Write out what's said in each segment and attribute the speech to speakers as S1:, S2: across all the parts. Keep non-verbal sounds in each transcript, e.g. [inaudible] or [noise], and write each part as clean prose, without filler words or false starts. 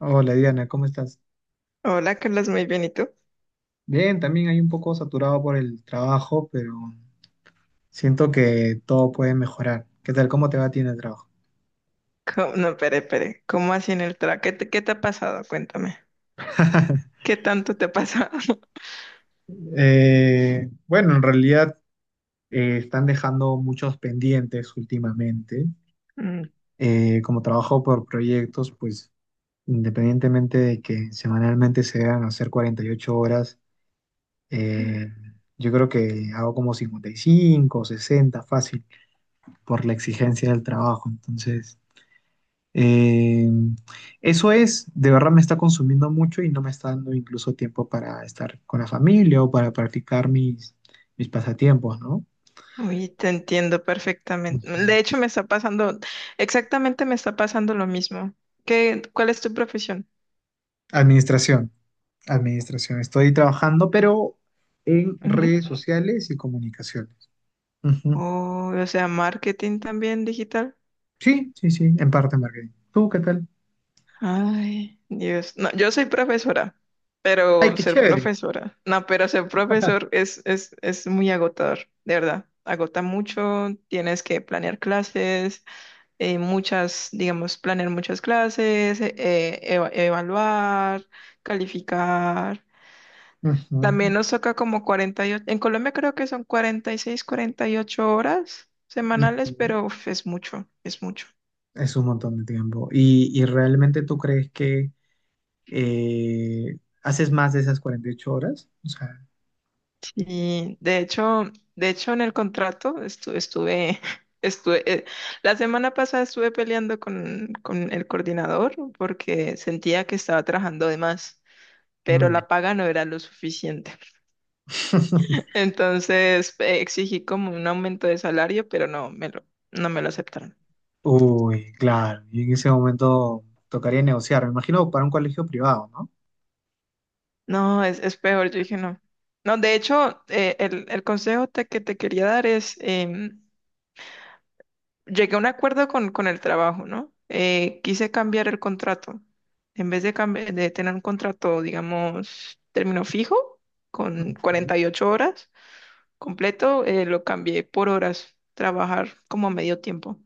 S1: Hola Diana, ¿cómo estás?
S2: Hola, Carlos, muy bien. ¿Y tú?
S1: Bien, también hay un poco saturado por el trabajo, pero siento que todo puede mejorar. ¿Qué tal? ¿Cómo te va a ti en el trabajo?
S2: ¿Cómo? No, espere, espere. ¿Cómo así en el trabajo? ¿Qué te ha pasado? Cuéntame.
S1: [laughs]
S2: ¿Qué tanto te ha pasado? [laughs]
S1: Bueno, en realidad están dejando muchos pendientes últimamente.
S2: Mm.
S1: Como trabajo por proyectos, pues independientemente de que semanalmente se deban hacer 48 horas, eh, yo creo que hago como 55, 60, fácil por la exigencia del trabajo. Entonces. Eh, eso es, de verdad me está consumiendo mucho y no me está dando incluso tiempo para estar con la familia o para practicar mis pasatiempos, ¿no?
S2: Uy, te entiendo perfectamente.
S1: Ujú.
S2: De hecho, me está pasando, exactamente me está pasando lo mismo. ¿Qué, cuál es tu profesión?
S1: Administración, administración. Estoy trabajando, pero en
S2: Ujú.
S1: redes sociales y comunicaciones. Ujú.
S2: Oh, o sea, marketing también digital.
S1: Sí, sí, sí, en parte marketing. ¿Tú qué tal?
S2: Ay, Dios. No, yo soy profesora,
S1: Ay,
S2: pero
S1: qué
S2: ser
S1: chévere.
S2: profesora, no, pero ser profesor es muy agotador, de verdad. Agota mucho, tienes que planear clases, muchas, digamos, planear muchas clases, evaluar, calificar.
S1: Ujú,
S2: También nos toca como 48. En Colombia creo que son 46, 48 horas semanales,
S1: ujú.
S2: pero uf, es mucho, es mucho.
S1: Es un montón de tiempo. ¿Y realmente tú crees que eh, haces más de esas 48 horas? O sea.
S2: Y de hecho en el contrato estuve, [laughs] estuve, eh, la semana pasada estuve peleando con el coordinador porque sentía que estaba trabajando de más, pero
S1: Mm.
S2: la paga no era lo suficiente. [laughs]
S1: [laughs]
S2: Entonces exigí como un aumento de salario, pero no me lo aceptaron.
S1: Uy, claro. Y en ese momento tocaría negociar. Me imagino para un colegio privado, ¿no?
S2: No, es peor, yo dije no. No, de hecho, el consejo que te quería dar es, llegué a un acuerdo con el trabajo, ¿no? Quise cambiar el contrato. En vez de tener un contrato, digamos, término fijo, con cuarenta
S1: Ujú.
S2: y ocho horas completo, lo cambié por horas, trabajar como a medio tiempo.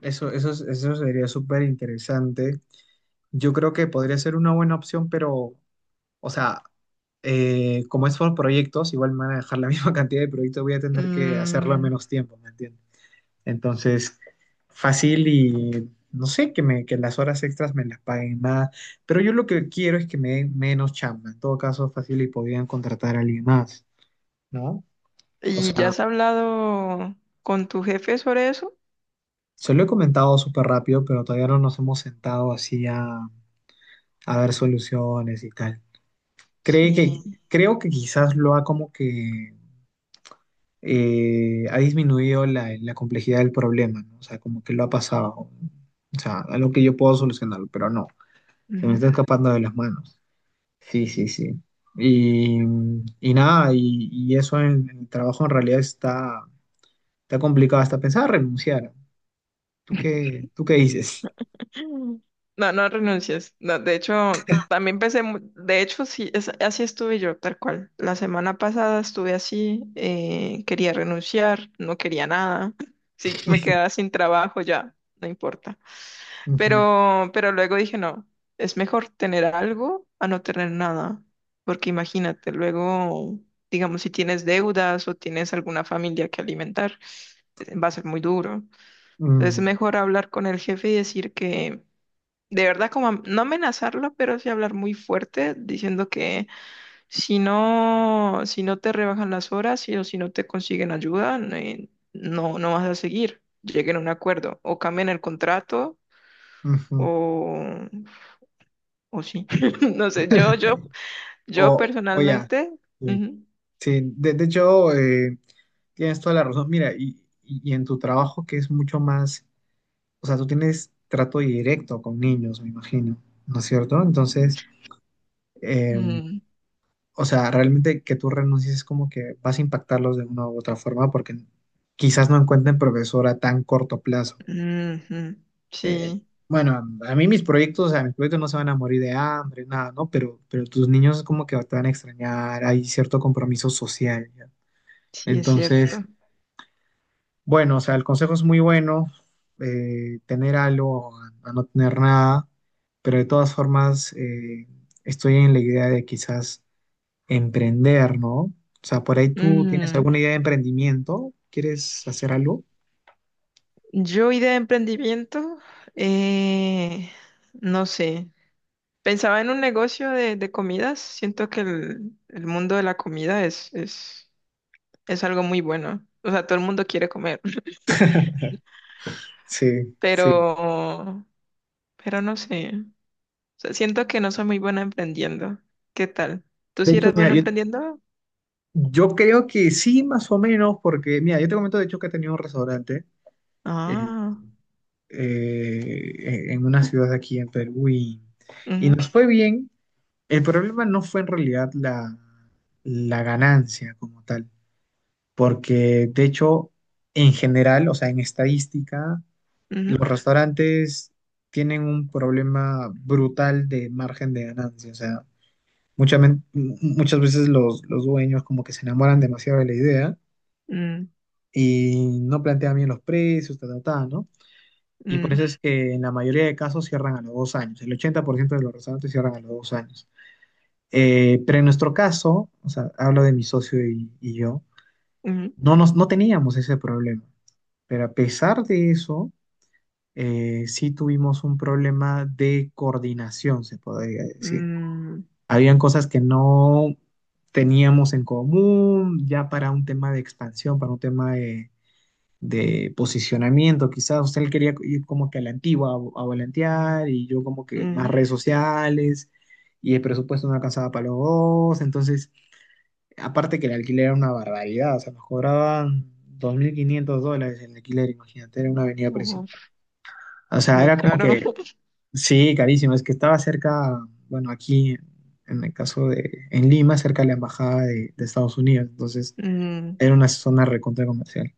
S1: Eso sería súper interesante. Yo creo que podría ser una buena opción, pero, o sea, como es por proyectos, igual me van a dejar la [laughs] misma cantidad de proyectos, voy a tener que hacerlo en
S2: Mm.
S1: menos tiempo, ¿me entiendes? Entonces, fácil y no sé, que las horas extras me las paguen más. Pero yo lo que quiero es que me den menos chamba. En todo caso, fácil y podrían contratar a alguien más, ¿no? O
S2: ¿Y ya
S1: sea,
S2: has hablado con tu jefe sobre eso?
S1: se lo he comentado súper rápido, pero todavía no nos hemos sentado así a ver soluciones y tal. Cree que,
S2: Sí.
S1: creo que quizás lo ha como que ha disminuido la complejidad del problema, ¿no? O sea, como que lo ha pasado. O sea, algo que yo puedo solucionarlo, pero no. Se me está escapando de las manos. Sí, sí, sí. Y, y nada, y eso en el trabajo en realidad está complicado. Hasta pensar renunciar. ¿Tú qué dices?
S2: No, no renuncies. No, de hecho, también pensé, de hecho, sí, así estuve yo, tal cual. La semana pasada estuve así, quería renunciar, no quería nada. Sí, me quedaba sin trabajo ya, no importa.
S1: Ujú,
S2: Pero luego dije, no, es mejor tener algo a no tener nada. Porque imagínate, luego, digamos, si tienes deudas o tienes alguna familia que alimentar, va a ser muy duro. Entonces es
S1: mm,
S2: mejor hablar con el jefe y decir que de verdad como no amenazarlo, pero sí hablar muy fuerte diciendo que si no, si no te rebajan las horas o si no te consiguen ayuda, no, no vas a seguir. Lleguen a un acuerdo o cambien el contrato
S1: ujú.
S2: o, o sí. [laughs] No sé, yo
S1: O ya.
S2: personalmente.
S1: Sí,
S2: Ujú.
S1: sí. De hecho, tienes toda la razón. Mira, y en tu trabajo que es mucho más, o sea, tú tienes trato directo con niños, me imagino, ¿no es cierto? Entonces, eh,
S2: Mm.
S1: o sea, realmente que tú renuncies es como que vas a impactarlos de una u otra forma porque quizás no encuentren profesora a tan corto plazo.
S2: Ujú.
S1: Eh,
S2: Sí,
S1: bueno, a mí mis proyectos, o sea, mis proyectos no se van a morir de hambre, nada, ¿no? Pero tus niños como que te van a extrañar, hay cierto compromiso social, ¿ya?
S2: sí es cierto.
S1: Entonces, bueno, o sea, el consejo es muy bueno, tener algo a, no tener nada, pero de todas formas estoy en la idea de quizás emprender, ¿no? O sea, por ahí tú tienes
S2: Mm,
S1: alguna idea de emprendimiento, ¿quieres hacer algo?
S2: yo idea de emprendimiento, eh, no sé. Pensaba en un negocio de comidas. Siento que el mundo de la comida es algo muy bueno. O sea, todo el mundo quiere comer, [laughs]
S1: Sí, sí.
S2: pero, pero no sé. O sea, siento que no soy muy buena emprendiendo. ¿Qué tal? ¿Tú
S1: De
S2: sí
S1: hecho,
S2: eres
S1: mira,
S2: bueno
S1: yo,
S2: emprendiendo?
S1: yo creo que sí, más o menos, porque, mira, yo te comento de hecho que he tenido un restaurante, eh,
S2: Ah.
S1: en una ciudad de aquí en Perú, y
S2: Ujú.
S1: nos fue bien. El problema no fue en realidad la ganancia como tal, porque de hecho, en general, o sea, en estadística
S2: Ujú.
S1: los restaurantes tienen un problema brutal de margen de ganancia. O sea, muchas veces los dueños como que se enamoran demasiado de la idea
S2: Mm.
S1: y no plantean bien los precios, ta, ta, ta, ¿no? Y por
S2: Mm.
S1: eso es que en la mayoría de casos cierran a los 2 años. El 80% de los restaurantes cierran a los 2 años. Pero en nuestro caso, o sea, hablo de mi socio y yo,
S2: Ujú.
S1: no teníamos ese problema. Pero a pesar de eso, sí tuvimos un problema de coordinación, se podría decir.
S2: Mm.
S1: Habían cosas que no teníamos en común, ya para un tema de expansión, para un tema de posicionamiento, quizás usted él quería ir como que a la antigua, a volantear, y yo como que más
S2: Mm.
S1: redes sociales, y el presupuesto no alcanzaba para los dos, entonces, aparte que el alquiler era una barbaridad, o sea, nos cobraban $2,500 el alquiler, imagínate, era una avenida principal.
S2: Uf,
S1: O sea,
S2: muy
S1: era como
S2: caro.
S1: que.
S2: [laughs]
S1: Sí, carísimo. Es que estaba cerca, bueno, aquí en el caso en Lima, cerca de la embajada de Estados Unidos. Entonces,
S2: Mm.
S1: era una zona recontra comercial.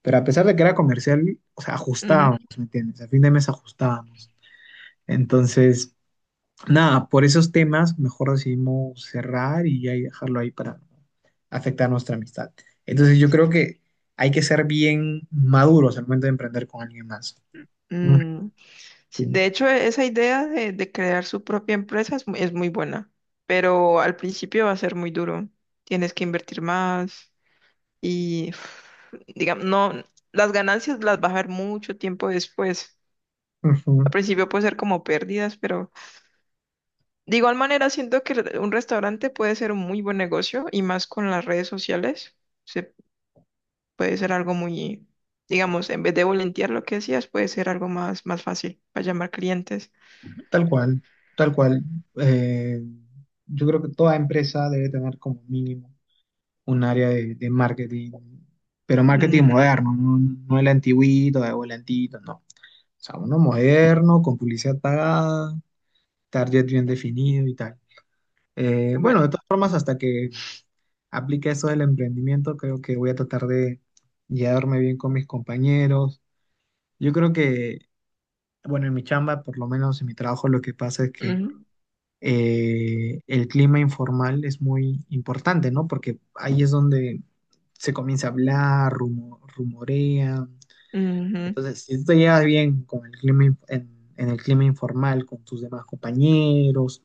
S1: Pero a pesar de que era comercial, o sea,
S2: Ujú.
S1: ajustábamos, ¿me entiendes? A fin de mes ajustábamos. Entonces, nada, por esos temas, mejor decidimos cerrar y ahí dejarlo ahí para no afectar nuestra amistad. Entonces, yo creo que hay que ser bien maduros al momento de emprender con alguien más.
S2: Mm. Sí, de
S1: Ujú.
S2: hecho, esa idea de crear su propia empresa es, es muy buena, pero al principio va a ser muy duro. Tienes que invertir más y, [sighs] digamos, no, las ganancias las vas a ver mucho tiempo después. Al principio puede ser como pérdidas, pero de igual manera siento que un restaurante puede ser un muy buen negocio y más con las redes sociales. Se puede ser algo muy,
S1: Ujú.
S2: digamos, en vez de volantear lo que decías, puede ser algo más, más fácil para llamar clientes.
S1: Tal cual, tal cual. Eh, yo creo que toda empresa debe tener como mínimo un área de marketing, pero marketing
S2: Mm,
S1: moderno, no, no el antiguito o el antiguito, no. O sea, uno moderno, con publicidad pagada, target bien definido y tal. Bueno,
S2: bueno.
S1: de todas formas, hasta que aplique eso del emprendimiento, creo que voy a tratar de llevarme bien con mis compañeros. Yo creo que, bueno, en mi chamba, por lo menos en mi trabajo, lo que pasa es que
S2: Ujú.
S1: el clima informal es muy importante, ¿no? Porque ahí es donde se comienza a hablar, rumorea.
S2: Ujú.
S1: Entonces, si tú te llevas bien con el clima, en el clima informal, con tus demás compañeros,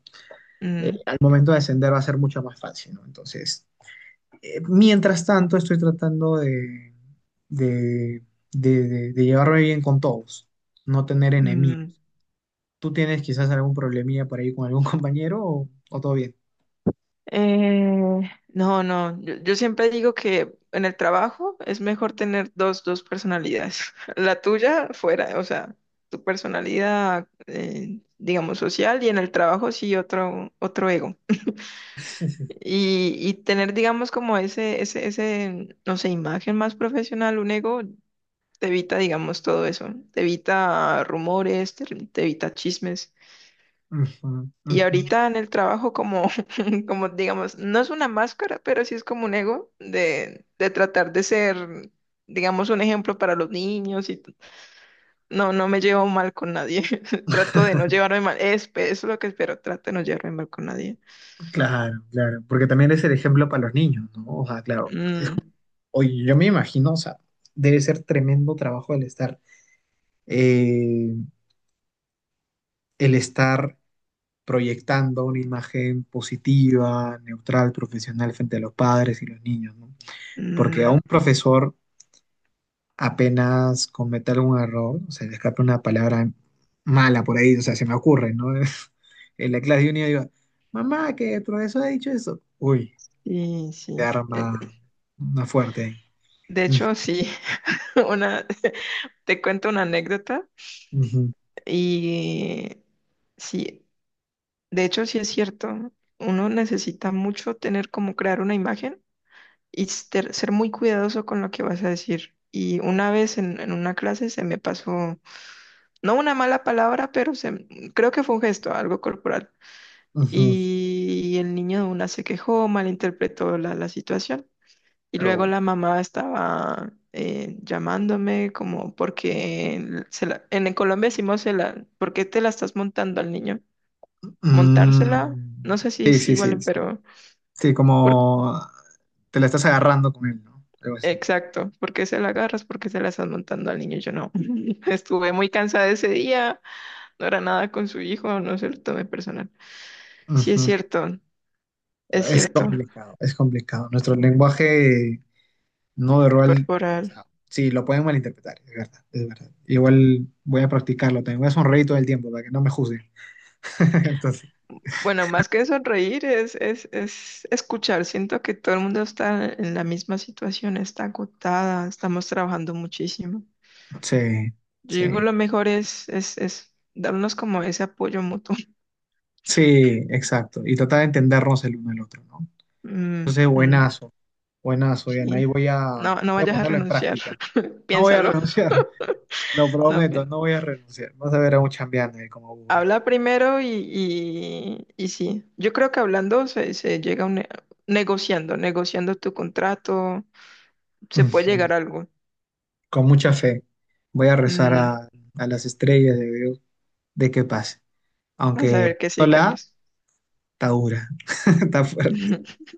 S2: Mm.
S1: al momento de ascender va a ser mucho más fácil, ¿no? Entonces, mientras tanto, estoy tratando de, de llevarme bien con todos, no tener enemigos.
S2: Mm.
S1: ¿Tú tienes quizás algún problemilla por ahí con algún [laughs] compañero o todo bien?
S2: Eh, no, no, yo siempre digo que en el trabajo es mejor tener dos personalidades. [laughs] La tuya fuera, o sea, tu personalidad, digamos, social y en el trabajo sí otro, ego. Y tener, digamos, como ese, ese, no sé, imagen más profesional, un ego, te evita, digamos, todo eso. Te evita rumores, te evita chismes.
S1: Ujú,
S2: Y
S1: ujú.
S2: ahorita en el trabajo como, [laughs] como digamos, no es una máscara, pero sí es como un ego de tratar de ser, digamos, un ejemplo para los niños y no, no me llevo mal con nadie. [laughs] Trato de no llevarme mal. Es lo que espero, trato de no llevarme mal con nadie.
S1: Claro, claro, porque también es el ejemplo para los niños, ¿no? O sea, claro,
S2: Mm,
S1: oye, yo me imagino, o sea, debe ser tremendo trabajo el estar, eh, el estar proyectando una imagen positiva, neutral, profesional frente a los padres y los niños, ¿no? Porque a
S2: mm.
S1: un profesor apenas cometa algún error, o sea, le escapa una palabra mala por ahí, o sea, se me ocurre, ¿no? [laughs] En la clase de unidad digo, mamá, que el profesor ha dicho eso. Uy,
S2: Sí,
S1: te
S2: sí.
S1: arma una fuerte.
S2: De
S1: Mm,
S2: hecho, sí, [laughs] una, [laughs] te cuento una anécdota
S1: ujú,
S2: y sí, de hecho sí es cierto. Uno necesita mucho tener como crear una imagen y ser, ser muy cuidadoso con lo que vas a decir. Y una vez en una clase se me pasó, no una mala palabra, pero se, creo que fue un gesto, algo corporal.
S1: ujú.
S2: Y el niño de una se quejó, malinterpretó la situación. Y
S1: Pero
S2: luego
S1: bueno.
S2: la mamá estaba llamándome como porque en Colombia decimos, se la, ¿por qué te la estás montando al niño? Montársela,
S1: Mm,
S2: no sé si
S1: sí,
S2: es
S1: sí, sí,
S2: igual,
S1: sí.
S2: pero...
S1: Sí, como te la estás agarrando con él, ¿no? Algo así.
S2: Exacto, ¿porque se la agarras? ¿Porque se la estás montando al niño? Yo no. [laughs] Estuve muy cansada ese día, no era nada con su hijo, no se lo tomé personal. Sí,
S1: Ujú.
S2: es
S1: Es
S2: cierto,
S1: complicado, es complicado. Nuestro lenguaje no verbal, o
S2: corporal.
S1: sea, sí, lo pueden malinterpretar, es verdad, es verdad. Igual voy a practicarlo también, voy a sonreír todo el tiempo para que no me juzguen. [laughs] Entonces,
S2: Bueno, más que sonreír es escuchar. Siento que todo el mundo está en la misma situación, está agotada, estamos trabajando muchísimo.
S1: sí,
S2: Yo
S1: sí,
S2: digo, lo mejor es darnos como ese apoyo mutuo. [laughs]
S1: sí, exacto. Y tratar de entendernos el uno al otro, ¿no?
S2: Mm, mm.
S1: Buenazo. Buenazo, Diana. Ahí
S2: Sí.
S1: voy a,
S2: No, no
S1: voy a
S2: vayas a
S1: ponerlo en
S2: renunciar,
S1: práctica.
S2: [laughs]
S1: No voy a
S2: piénsalo.
S1: renunciar, [laughs] lo
S2: No,
S1: prometo, no voy a renunciar. Vas a ver a un chambeando ahí como burro.
S2: habla primero y sí, yo creo que hablando se llega a un negociando tu contrato,
S1: [laughs]
S2: se puede
S1: Ujú.
S2: llegar a algo.
S1: Con mucha fe. Voy a rezar
S2: Mm,
S1: a las estrellas de Dios de que pase.
S2: vas a ver
S1: Aunque
S2: que
S1: no
S2: sí,
S1: la
S2: Carlos.
S1: está dura, [laughs] está fuerte.
S2: [laughs]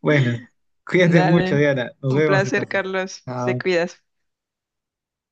S1: Bueno, cuídate mucho,
S2: Dale,
S1: Diana. Nos
S2: un
S1: vemos esta
S2: placer,
S1: vez.
S2: Carlos. Te
S1: Chao.
S2: cuidas.